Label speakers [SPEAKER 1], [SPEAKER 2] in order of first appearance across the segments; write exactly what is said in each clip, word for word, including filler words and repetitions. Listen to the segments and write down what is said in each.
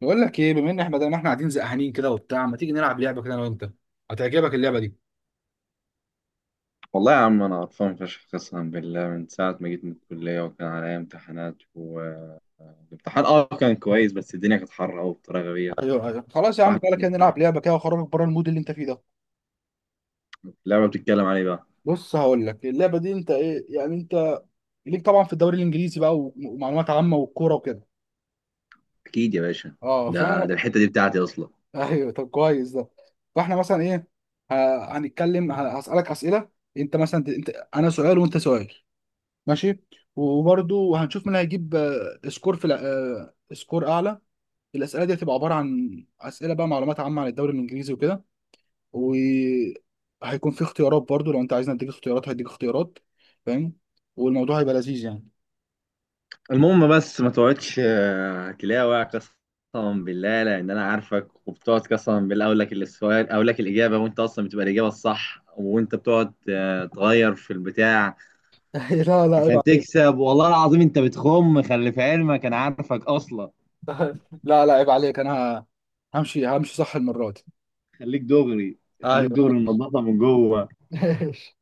[SPEAKER 1] بقول لك ايه، بما ان احنا بدل ما احنا قاعدين زهقانين كده وبتاع، ما تيجي نلعب لعبه كده انا وانت. هتعجبك اللعبه دي.
[SPEAKER 2] والله يا عم انا قرفان فشخ قسما بالله من ساعه ما جيت من الكليه وكان عليا امتحانات والامتحان اه كان كويس، بس الدنيا كانت حر قوي بطريقه غبيه.
[SPEAKER 1] ايوه ايوه خلاص يا عم،
[SPEAKER 2] واحد
[SPEAKER 1] تعالى
[SPEAKER 2] مش
[SPEAKER 1] كده نلعب
[SPEAKER 2] مستحمل.
[SPEAKER 1] لعبه كده واخرجك بره المود اللي انت فيه ده.
[SPEAKER 2] اللعبه بتتكلم عليه بقى.
[SPEAKER 1] بص، هقول لك اللعبه دي، انت ايه يعني؟ انت ليك طبعا في الدوري الانجليزي بقى، وم- ومعلومات عامه والكوره وكده.
[SPEAKER 2] اكيد يا باشا،
[SPEAKER 1] اه
[SPEAKER 2] ده
[SPEAKER 1] فانا
[SPEAKER 2] ده الحته دي بتاعتي اصلا.
[SPEAKER 1] ايوه طب كويس ده. فاحنا مثلا ايه؟ ه- هنتكلم، ه- هسالك اسئله. انت مثلا ت- انت، انا سؤال وانت سؤال، ماشي؟ وبرده هنشوف مين هيجيب آه، سكور في الع- آه، سكور اعلى. الاسئله دي هتبقى عباره عن اسئله بقى، معلومات عامه عن الدوري الانجليزي وكده، وهيكون في اختيارات برضو. لو انت عايزني اديك اختيارات هديك اختيارات، فاهم؟ والموضوع هيبقى لذيذ يعني.
[SPEAKER 2] المهم بس ما تقعدش آه، تلاوع قسما بالله، لان انا عارفك وبتقعد قسما بالله اقول لك السؤال، اقول لك الاجابه وانت اصلا بتبقى الاجابه الصح وانت بتقعد آه، تغير في البتاع
[SPEAKER 1] لا لا، عيب
[SPEAKER 2] عشان
[SPEAKER 1] عليك.
[SPEAKER 2] تكسب. والله العظيم انت بتخم، خلي في علمك انا عارفك اصلا.
[SPEAKER 1] لا لا عيب عليك، انا ه- همشي همشي صح المره دي.
[SPEAKER 2] خليك دغري، خليك
[SPEAKER 1] ايوه
[SPEAKER 2] دغري
[SPEAKER 1] ماشي.
[SPEAKER 2] منضفه من جوه.
[SPEAKER 1] ماشي.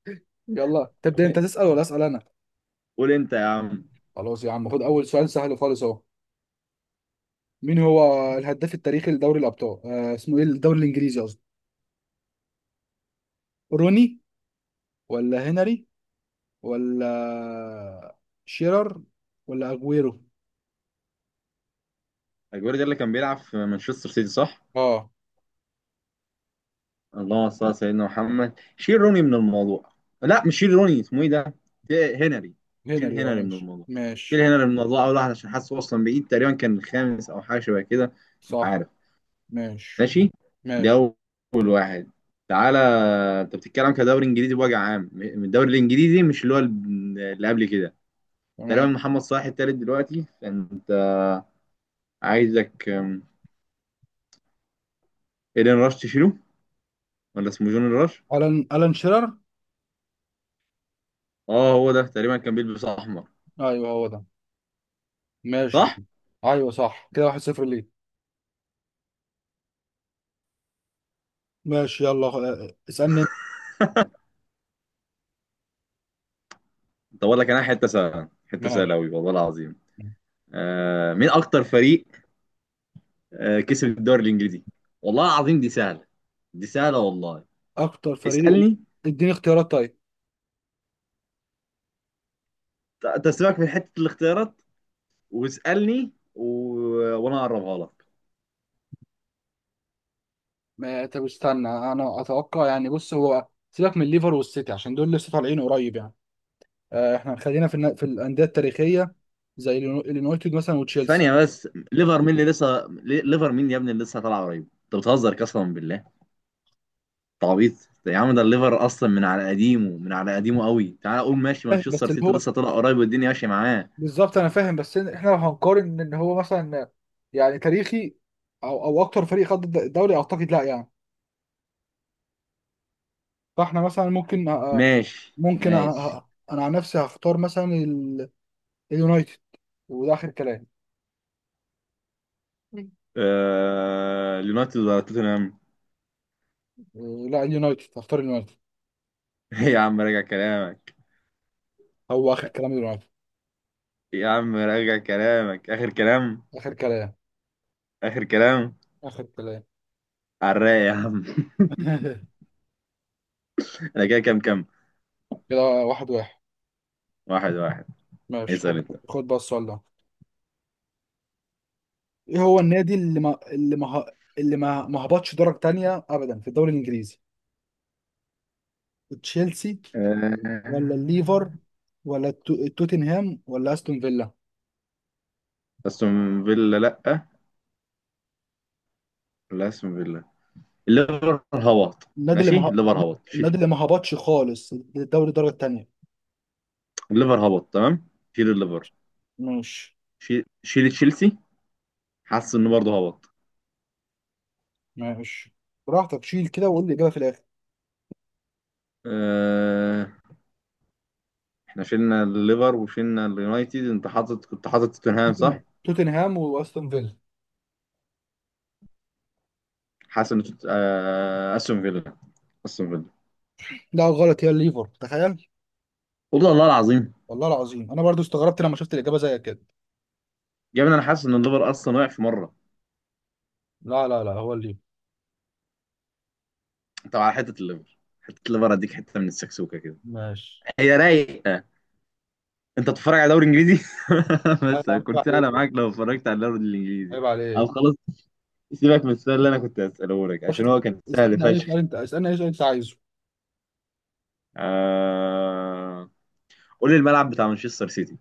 [SPEAKER 1] يلا، تبدا انت تسال ولا اسال انا؟
[SPEAKER 2] قول انت يا عم.
[SPEAKER 1] خلاص يا عم، خد اول سؤال سهل خالص اهو. مين هو الهداف التاريخي لدوري الابطال، آه اسمه ايه، الدوري الانجليزي قصدي؟ روني، ولا هنري، ولا شيرر، ولا اجويرو؟
[SPEAKER 2] اجويرو ده اللي كان بيلعب في مانشستر سيتي صح؟
[SPEAKER 1] اه،
[SPEAKER 2] اللهم صل على سيدنا محمد، شيل روني من الموضوع. لا مش شيل روني، اسمه ايه ده؟ شيل هنري.
[SPEAKER 1] هنري.
[SPEAKER 2] شيل
[SPEAKER 1] اه،
[SPEAKER 2] هنري من
[SPEAKER 1] ماشي
[SPEAKER 2] الموضوع، شيل
[SPEAKER 1] ماشي.
[SPEAKER 2] هنري من الموضوع اول واحد عشان حاسه اصلا بعيد، تقريبا كان الخامس او حاجه شبه كده. مش
[SPEAKER 1] صح.
[SPEAKER 2] عارف.
[SPEAKER 1] ماشي
[SPEAKER 2] ماشي. ده
[SPEAKER 1] ماشي.
[SPEAKER 2] اول واحد. تعالى. انت بتتكلم كدوري انجليزي بوجه عام من الدوري الانجليزي، مش اللي هو اللي قبل كده.
[SPEAKER 1] تمام.
[SPEAKER 2] تقريبا محمد صلاح التالت دلوقتي، فانت عايزك أم، ايدن راش تشيله ولا اسمه جون راش.
[SPEAKER 1] الان الان شيرر.
[SPEAKER 2] اه هو ده، تقريبا كان بيلبس احمر.
[SPEAKER 1] ايوه هو ده. ماشي
[SPEAKER 2] صح.
[SPEAKER 1] كده. ايوه صح كده، واحد صفر ليه. ماشي يلا، آه، اسالني انت.
[SPEAKER 2] طب اقول لك انا حته سهله، حته سهله
[SPEAKER 1] ماشي.
[SPEAKER 2] قوي والله العظيم. آه مين اكتر فريق آه كسب الدوري الانجليزي. والله العظيم دي سهله، دي سهله والله.
[SPEAKER 1] اكتر فريق.
[SPEAKER 2] اسالني.
[SPEAKER 1] اديني اختيارات طيب.
[SPEAKER 2] ت- تسيبك في حته الاختيارات واسالني و... وانا اقربها لك.
[SPEAKER 1] ما طب استنى، انا اتوقع يعني. بص، هو سيبك من الليفر والسيتي عشان دول لسه طالعين قريب يعني. آه، احنا خلينا في النا- في الانديه التاريخيه، زي اليونايتد مثلا وتشيلسي.
[SPEAKER 2] ثانيه بس، ليفر مين اللي لسه لي- ليفر مين يا ابني اللي لسه طالعه قريب؟ انت بتهزر قسما بالله. تعويض. يا عم ده الليفر اصلا من على قديمه، من على قديمه قوي. تعال اقول ماشي،
[SPEAKER 1] فاهم،
[SPEAKER 2] مانشستر
[SPEAKER 1] بس اللي
[SPEAKER 2] سيتي
[SPEAKER 1] هو
[SPEAKER 2] لسه طلع قريب والدنيا ماشيه معاه.
[SPEAKER 1] بالظبط. انا فاهم، بس إن احنا لو هنقارن ان هو مثلا يعني تاريخي، او او اكتر فريق خد الد- الدوري، اعتقد لا يعني. فاحنا مثلا ممكن أ- أ-
[SPEAKER 2] ماشي
[SPEAKER 1] ممكن أ-
[SPEAKER 2] ماشي.
[SPEAKER 1] أ- انا عن نفسي هختار مثلا ال- اليونايتد، وده اخر كلام. مم.
[SPEAKER 2] آه... اليونايتد ولا توتنهام؟
[SPEAKER 1] إيه، لا، اليونايتد، هختار اليونايتد.
[SPEAKER 2] إيه يا عم، راجع كلامك.
[SPEAKER 1] هو اخر كلام، اليونايتد.
[SPEAKER 2] يا عم راجع كلامك، اخر كلام.
[SPEAKER 1] اخر كلام.
[SPEAKER 2] اخر كلام.
[SPEAKER 1] اخر كلام.
[SPEAKER 2] على الرايق يا عم. انا كده كام كام؟
[SPEAKER 1] كده واحد واحد.
[SPEAKER 2] واحد واحد.
[SPEAKER 1] ماشي خد.
[SPEAKER 2] اسال انت.
[SPEAKER 1] خد بقى السؤال ده. ايه هو النادي اللي ما اللي ما اللي ما ما هبطش درجة تانية ابدا في الدوري الانجليزي؟ تشيلسي، ولا
[SPEAKER 2] آه،
[SPEAKER 1] الليفر، ولا التو- توتنهام، ولا استون فيلا؟
[SPEAKER 2] استون فيلا لا، لا استون فيلا. الليفر هبط.
[SPEAKER 1] النادي اللي
[SPEAKER 2] ماشي،
[SPEAKER 1] ما.
[SPEAKER 2] الليفر هبط،
[SPEAKER 1] النادي
[SPEAKER 2] شيل.
[SPEAKER 1] اللي ما هبطش خالص للدوري الدرجه الثانيه.
[SPEAKER 2] الليفر هبط تمام، شيل الليفر.
[SPEAKER 1] ماشي.
[SPEAKER 2] شي- شيل تشيلسي، حاسس انه برضه هبط.
[SPEAKER 1] ماشي براحتك، شيل كده وقول لي الاجابه في الاخر.
[SPEAKER 2] آه، احنا شلنا الليفر وشلنا اليونايتد، انت حاطط، كنت حاطط توتنهام
[SPEAKER 1] توتن-
[SPEAKER 2] صح؟
[SPEAKER 1] توتنهام واستون فيلا.
[SPEAKER 2] حاسس ان توت- آه، استون فيلا، استون فيلا.
[SPEAKER 1] لا غلط، هي الليفر، تخيل.
[SPEAKER 2] والله الله العظيم.
[SPEAKER 1] والله العظيم انا برضو استغربت لما شفت الاجابه زي كده.
[SPEAKER 2] يا ابني انا حاسس ان الليفر اصلا وقع في مره.
[SPEAKER 1] لا لا لا، هو الليفر.
[SPEAKER 2] انت على حته الليفر، حته الليفر اديك حته من السكسوكه كده.
[SPEAKER 1] ماشي.
[SPEAKER 2] هي رايقه. انت بتتفرج على دوري انجليزي؟ بس
[SPEAKER 1] عيب
[SPEAKER 2] كنت
[SPEAKER 1] عليك.
[SPEAKER 2] انا معاك لو اتفرجت على الدوري الانجليزي.
[SPEAKER 1] عيب
[SPEAKER 2] او
[SPEAKER 1] عليك.
[SPEAKER 2] خلاص، سيبك من السؤال اللي انا كنت هساله لك
[SPEAKER 1] خش.
[SPEAKER 2] عشان هو كان سهل
[SPEAKER 1] اسالني اي
[SPEAKER 2] فشخ.
[SPEAKER 1] سؤال انت، اسالني اي سؤال انت عايزه.
[SPEAKER 2] آه... قول لي الملعب بتاع مانشستر سيتي.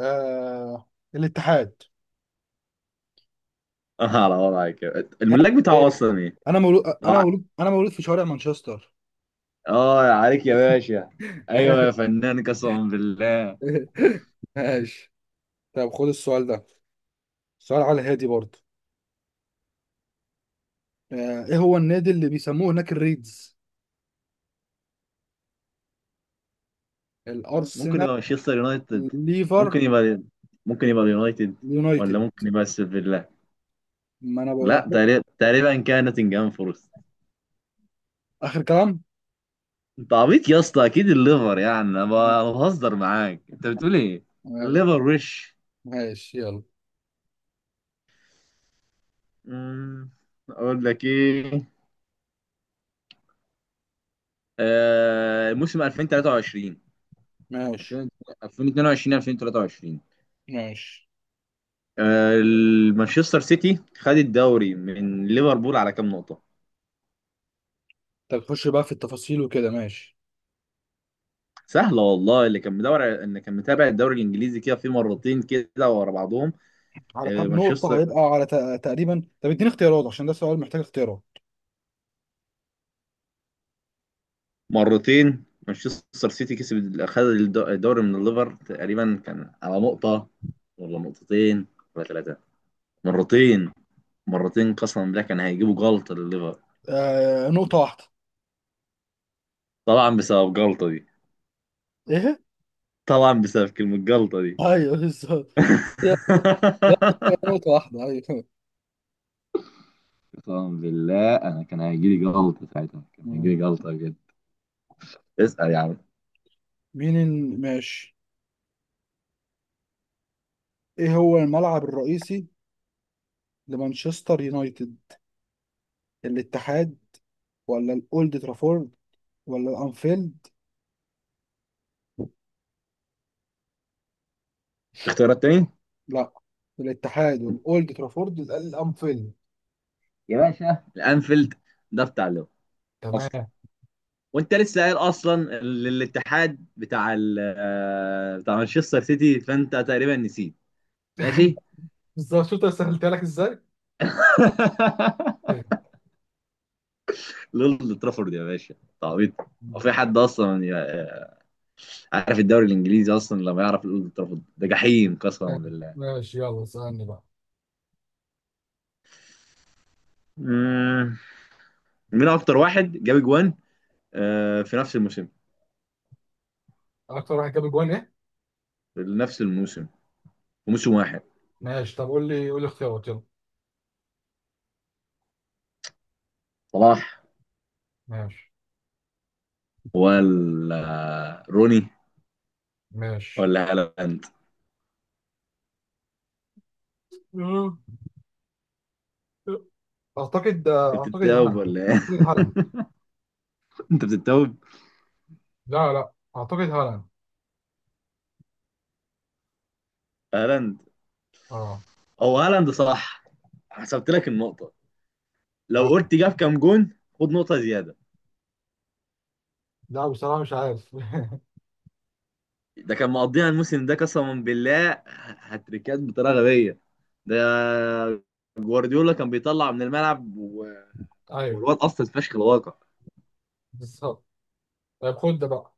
[SPEAKER 1] آه... الاتحاد.
[SPEAKER 2] اه على وضعك، يا- الملاك بتاعه اصلا ايه؟
[SPEAKER 1] انا مولود، انا
[SPEAKER 2] اه،
[SPEAKER 1] مولود، انا مولود في شوارع مانشستر.
[SPEAKER 2] آه، عليك يا باشا. ايوه يا فنان قسما بالله.
[SPEAKER 1] ماشي. طب خد السؤال ده، سؤال على هادي برضه. آه، ايه هو النادي اللي بيسموه هناك الريدز؟
[SPEAKER 2] ممكن
[SPEAKER 1] الارسنال،
[SPEAKER 2] يبقى مانشستر يونايتد،
[SPEAKER 1] ليفر،
[SPEAKER 2] ممكن يبقى، ممكن يبقى اليونايتد، ولا
[SPEAKER 1] اليونايتد.
[SPEAKER 2] ممكن يبقى استون فيلا.
[SPEAKER 1] ما انا بقول
[SPEAKER 2] لا،
[SPEAKER 1] أهو.
[SPEAKER 2] تقريبا تقريبا كان نوتنجهام فورست.
[SPEAKER 1] اخر كلام.
[SPEAKER 2] انت عبيط يا اسطى، اكيد الليفر يعني، انا ب- أنا بهزر معاك، انت بتقول ايه؟ الليفر وش.
[SPEAKER 1] ماشي يلا.
[SPEAKER 2] مم، اقول لك ايه؟ آه، موسم ألفين وثلاثة وعشرين،
[SPEAKER 1] ماشي
[SPEAKER 2] ألفين واثنين وعشرين ألفين وثلاثة وعشرين.
[SPEAKER 1] ماشي.
[SPEAKER 2] آه، المانشستر سيتي خد الدوري من ليفربول على كام نقطة؟
[SPEAKER 1] طب خش بقى في التفاصيل وكده، ماشي.
[SPEAKER 2] سهلة والله، اللي كان مدور، اللي كان متابع الدوري الانجليزي كده في مرتين كده ورا بعضهم.
[SPEAKER 1] على كام
[SPEAKER 2] آه،
[SPEAKER 1] نقطة؟
[SPEAKER 2] مانشستر،
[SPEAKER 1] هيبقى على تق- تقريبا. طب اديني اختيارات عشان ده سؤال محتاج اختيارات.
[SPEAKER 2] مرتين مانشستر سيتي كسب، خد الد- الدوري من الليفر، تقريبا كان على نقطة ولا نقطتين ولا ثلاثة؟ مرتين، مرتين قسما بالله كان هيجيبوا جلطة للليفر.
[SPEAKER 1] آه، نقطة واحدة.
[SPEAKER 2] طبعا بسبب جلطة دي.
[SPEAKER 1] ايه؟
[SPEAKER 2] طبعا بسبب كلمة جلطة دي.
[SPEAKER 1] ايوه بالظبط. جت. نقطة واحدة، أيوة.
[SPEAKER 2] قسما بالله انا كان هيجيلي جلطه ساعتها، كان
[SPEAKER 1] مم.
[SPEAKER 2] هيجيلي جلطه بجد. اسال يا عم.
[SPEAKER 1] مين ال... ماشي. ايه هو الملعب الرئيسي لمانشستر يونايتد؟ الاتحاد، ولا الاولد ترافورد، ولا الانفيلد؟
[SPEAKER 2] في اختيارات تاني؟
[SPEAKER 1] لا، الاتحاد والاولد ترافورد، يبقى الانفيلد.
[SPEAKER 2] يا باشا الانفيلد، ده بتاع لو اصلا،
[SPEAKER 1] تمام.
[SPEAKER 2] وانت لسه قايل اصلا ال- الاتحاد بتاع ال آه، بتاع مانشستر سيتي، فانت تقريبا نسيت. ماشي.
[SPEAKER 1] بالظبط، شفت أنا سهلتها لك إزاي؟ فاهم.
[SPEAKER 2] لولد ترافورد يا باشا، تعبيط. هو في حد اصلا ي- عارف الدوري الانجليزي اصلا لما يعرف الاولد ترافورد ده؟ جحيم قسما
[SPEAKER 1] فاهم.
[SPEAKER 2] بالله.
[SPEAKER 1] ماشي يلا، اسألني بقى.
[SPEAKER 2] مم. مين اكتر واحد جاب جوان آه، في نفس الموسم،
[SPEAKER 1] أكتر واحد جاب جوان إيه؟
[SPEAKER 2] لنفس الموسم، وموسم واحد؟
[SPEAKER 1] ماشي طب قول لي، قول لي اختيارات يلا.
[SPEAKER 2] صلاح
[SPEAKER 1] ماشي.
[SPEAKER 2] ولا روني
[SPEAKER 1] ماشي.
[SPEAKER 2] ولا هالاند؟
[SPEAKER 1] أعتقد
[SPEAKER 2] انت
[SPEAKER 1] أعتقد
[SPEAKER 2] بتتوب
[SPEAKER 1] هالاند.
[SPEAKER 2] ولا ايه؟
[SPEAKER 1] أعتقد هالاند.
[SPEAKER 2] انت بتتوب.
[SPEAKER 1] لا لا، أعتقد هالاند.
[SPEAKER 2] هالاند.
[SPEAKER 1] أه.
[SPEAKER 2] هو هالاند صح. حسبت لك النقطة، لو
[SPEAKER 1] آه.
[SPEAKER 2] قلت جاب كام جون خد نقطة زيادة.
[SPEAKER 1] لا بصراحة مش عارف.
[SPEAKER 2] ده كان مقضيها الموسم ده قسما بالله، هتريكات بطريقة غبية. ده جوارديولا كان بيطلع من الملعب و-
[SPEAKER 1] ايوه
[SPEAKER 2] والواد اصلا فشخ الواقع.
[SPEAKER 1] بالظبط. طيب خد ده بقى.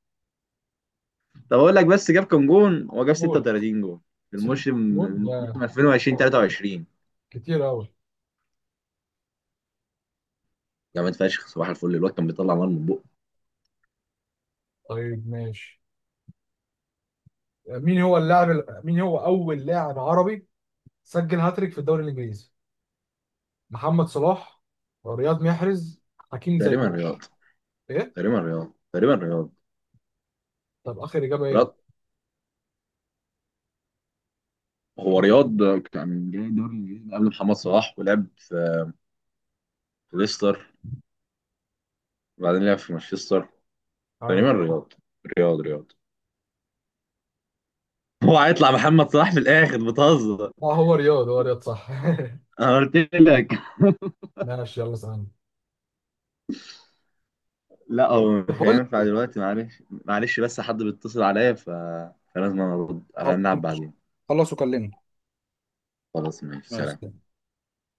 [SPEAKER 2] طب اقول لك بس، جاب كام جون؟ هو جاب
[SPEAKER 1] قول.
[SPEAKER 2] ستة وثلاثين جون في
[SPEAKER 1] ست
[SPEAKER 2] الموسم،
[SPEAKER 1] جون
[SPEAKER 2] الموسم
[SPEAKER 1] يا.
[SPEAKER 2] ألفين وعشرين
[SPEAKER 1] آه،
[SPEAKER 2] ثلاثة وعشرين.
[SPEAKER 1] كتير أوي.
[SPEAKER 2] جامد فشخ صباح الفل، الواد كان بيطلع نار من بقه.
[SPEAKER 1] طيب ماشي. مين هو اللاعب ال- مين هو أول لاعب عربي سجل هاتريك في الدوري الإنجليزي؟ محمد صلاح، رياض محرز، حكيم
[SPEAKER 2] تقريبا
[SPEAKER 1] زياش؟
[SPEAKER 2] رياض.
[SPEAKER 1] إيه؟
[SPEAKER 2] تقريبا رياض، تقريبا رياض.
[SPEAKER 1] طب آخر إجابة
[SPEAKER 2] رياض.
[SPEAKER 1] إيه؟
[SPEAKER 2] هو رياض كان جاي دوري الانجليزي قبل محمد صلاح ولعب في ليستر، وبعدين لعب في مانشستر.
[SPEAKER 1] عارف.
[SPEAKER 2] تقريبا رياض، رياض رياض. هو هيطلع محمد صلاح في الاخر، بتهزر.
[SPEAKER 1] اه هو رياض، هو رياض صح.
[SPEAKER 2] انا قلت لك.
[SPEAKER 1] ماشي يلا اسألني.
[SPEAKER 2] لا هو
[SPEAKER 1] طب
[SPEAKER 2] مش
[SPEAKER 1] بقول لك
[SPEAKER 2] هينفع
[SPEAKER 1] إيه،
[SPEAKER 2] دلوقتي، معلش معلش بس حد بيتصل عليا ف... فلازم أنا ارد،
[SPEAKER 1] خل-
[SPEAKER 2] هنلعب بعدين.
[SPEAKER 1] خلص وكلمني.
[SPEAKER 2] خلاص ماشي
[SPEAKER 1] ماشي.
[SPEAKER 2] سلام.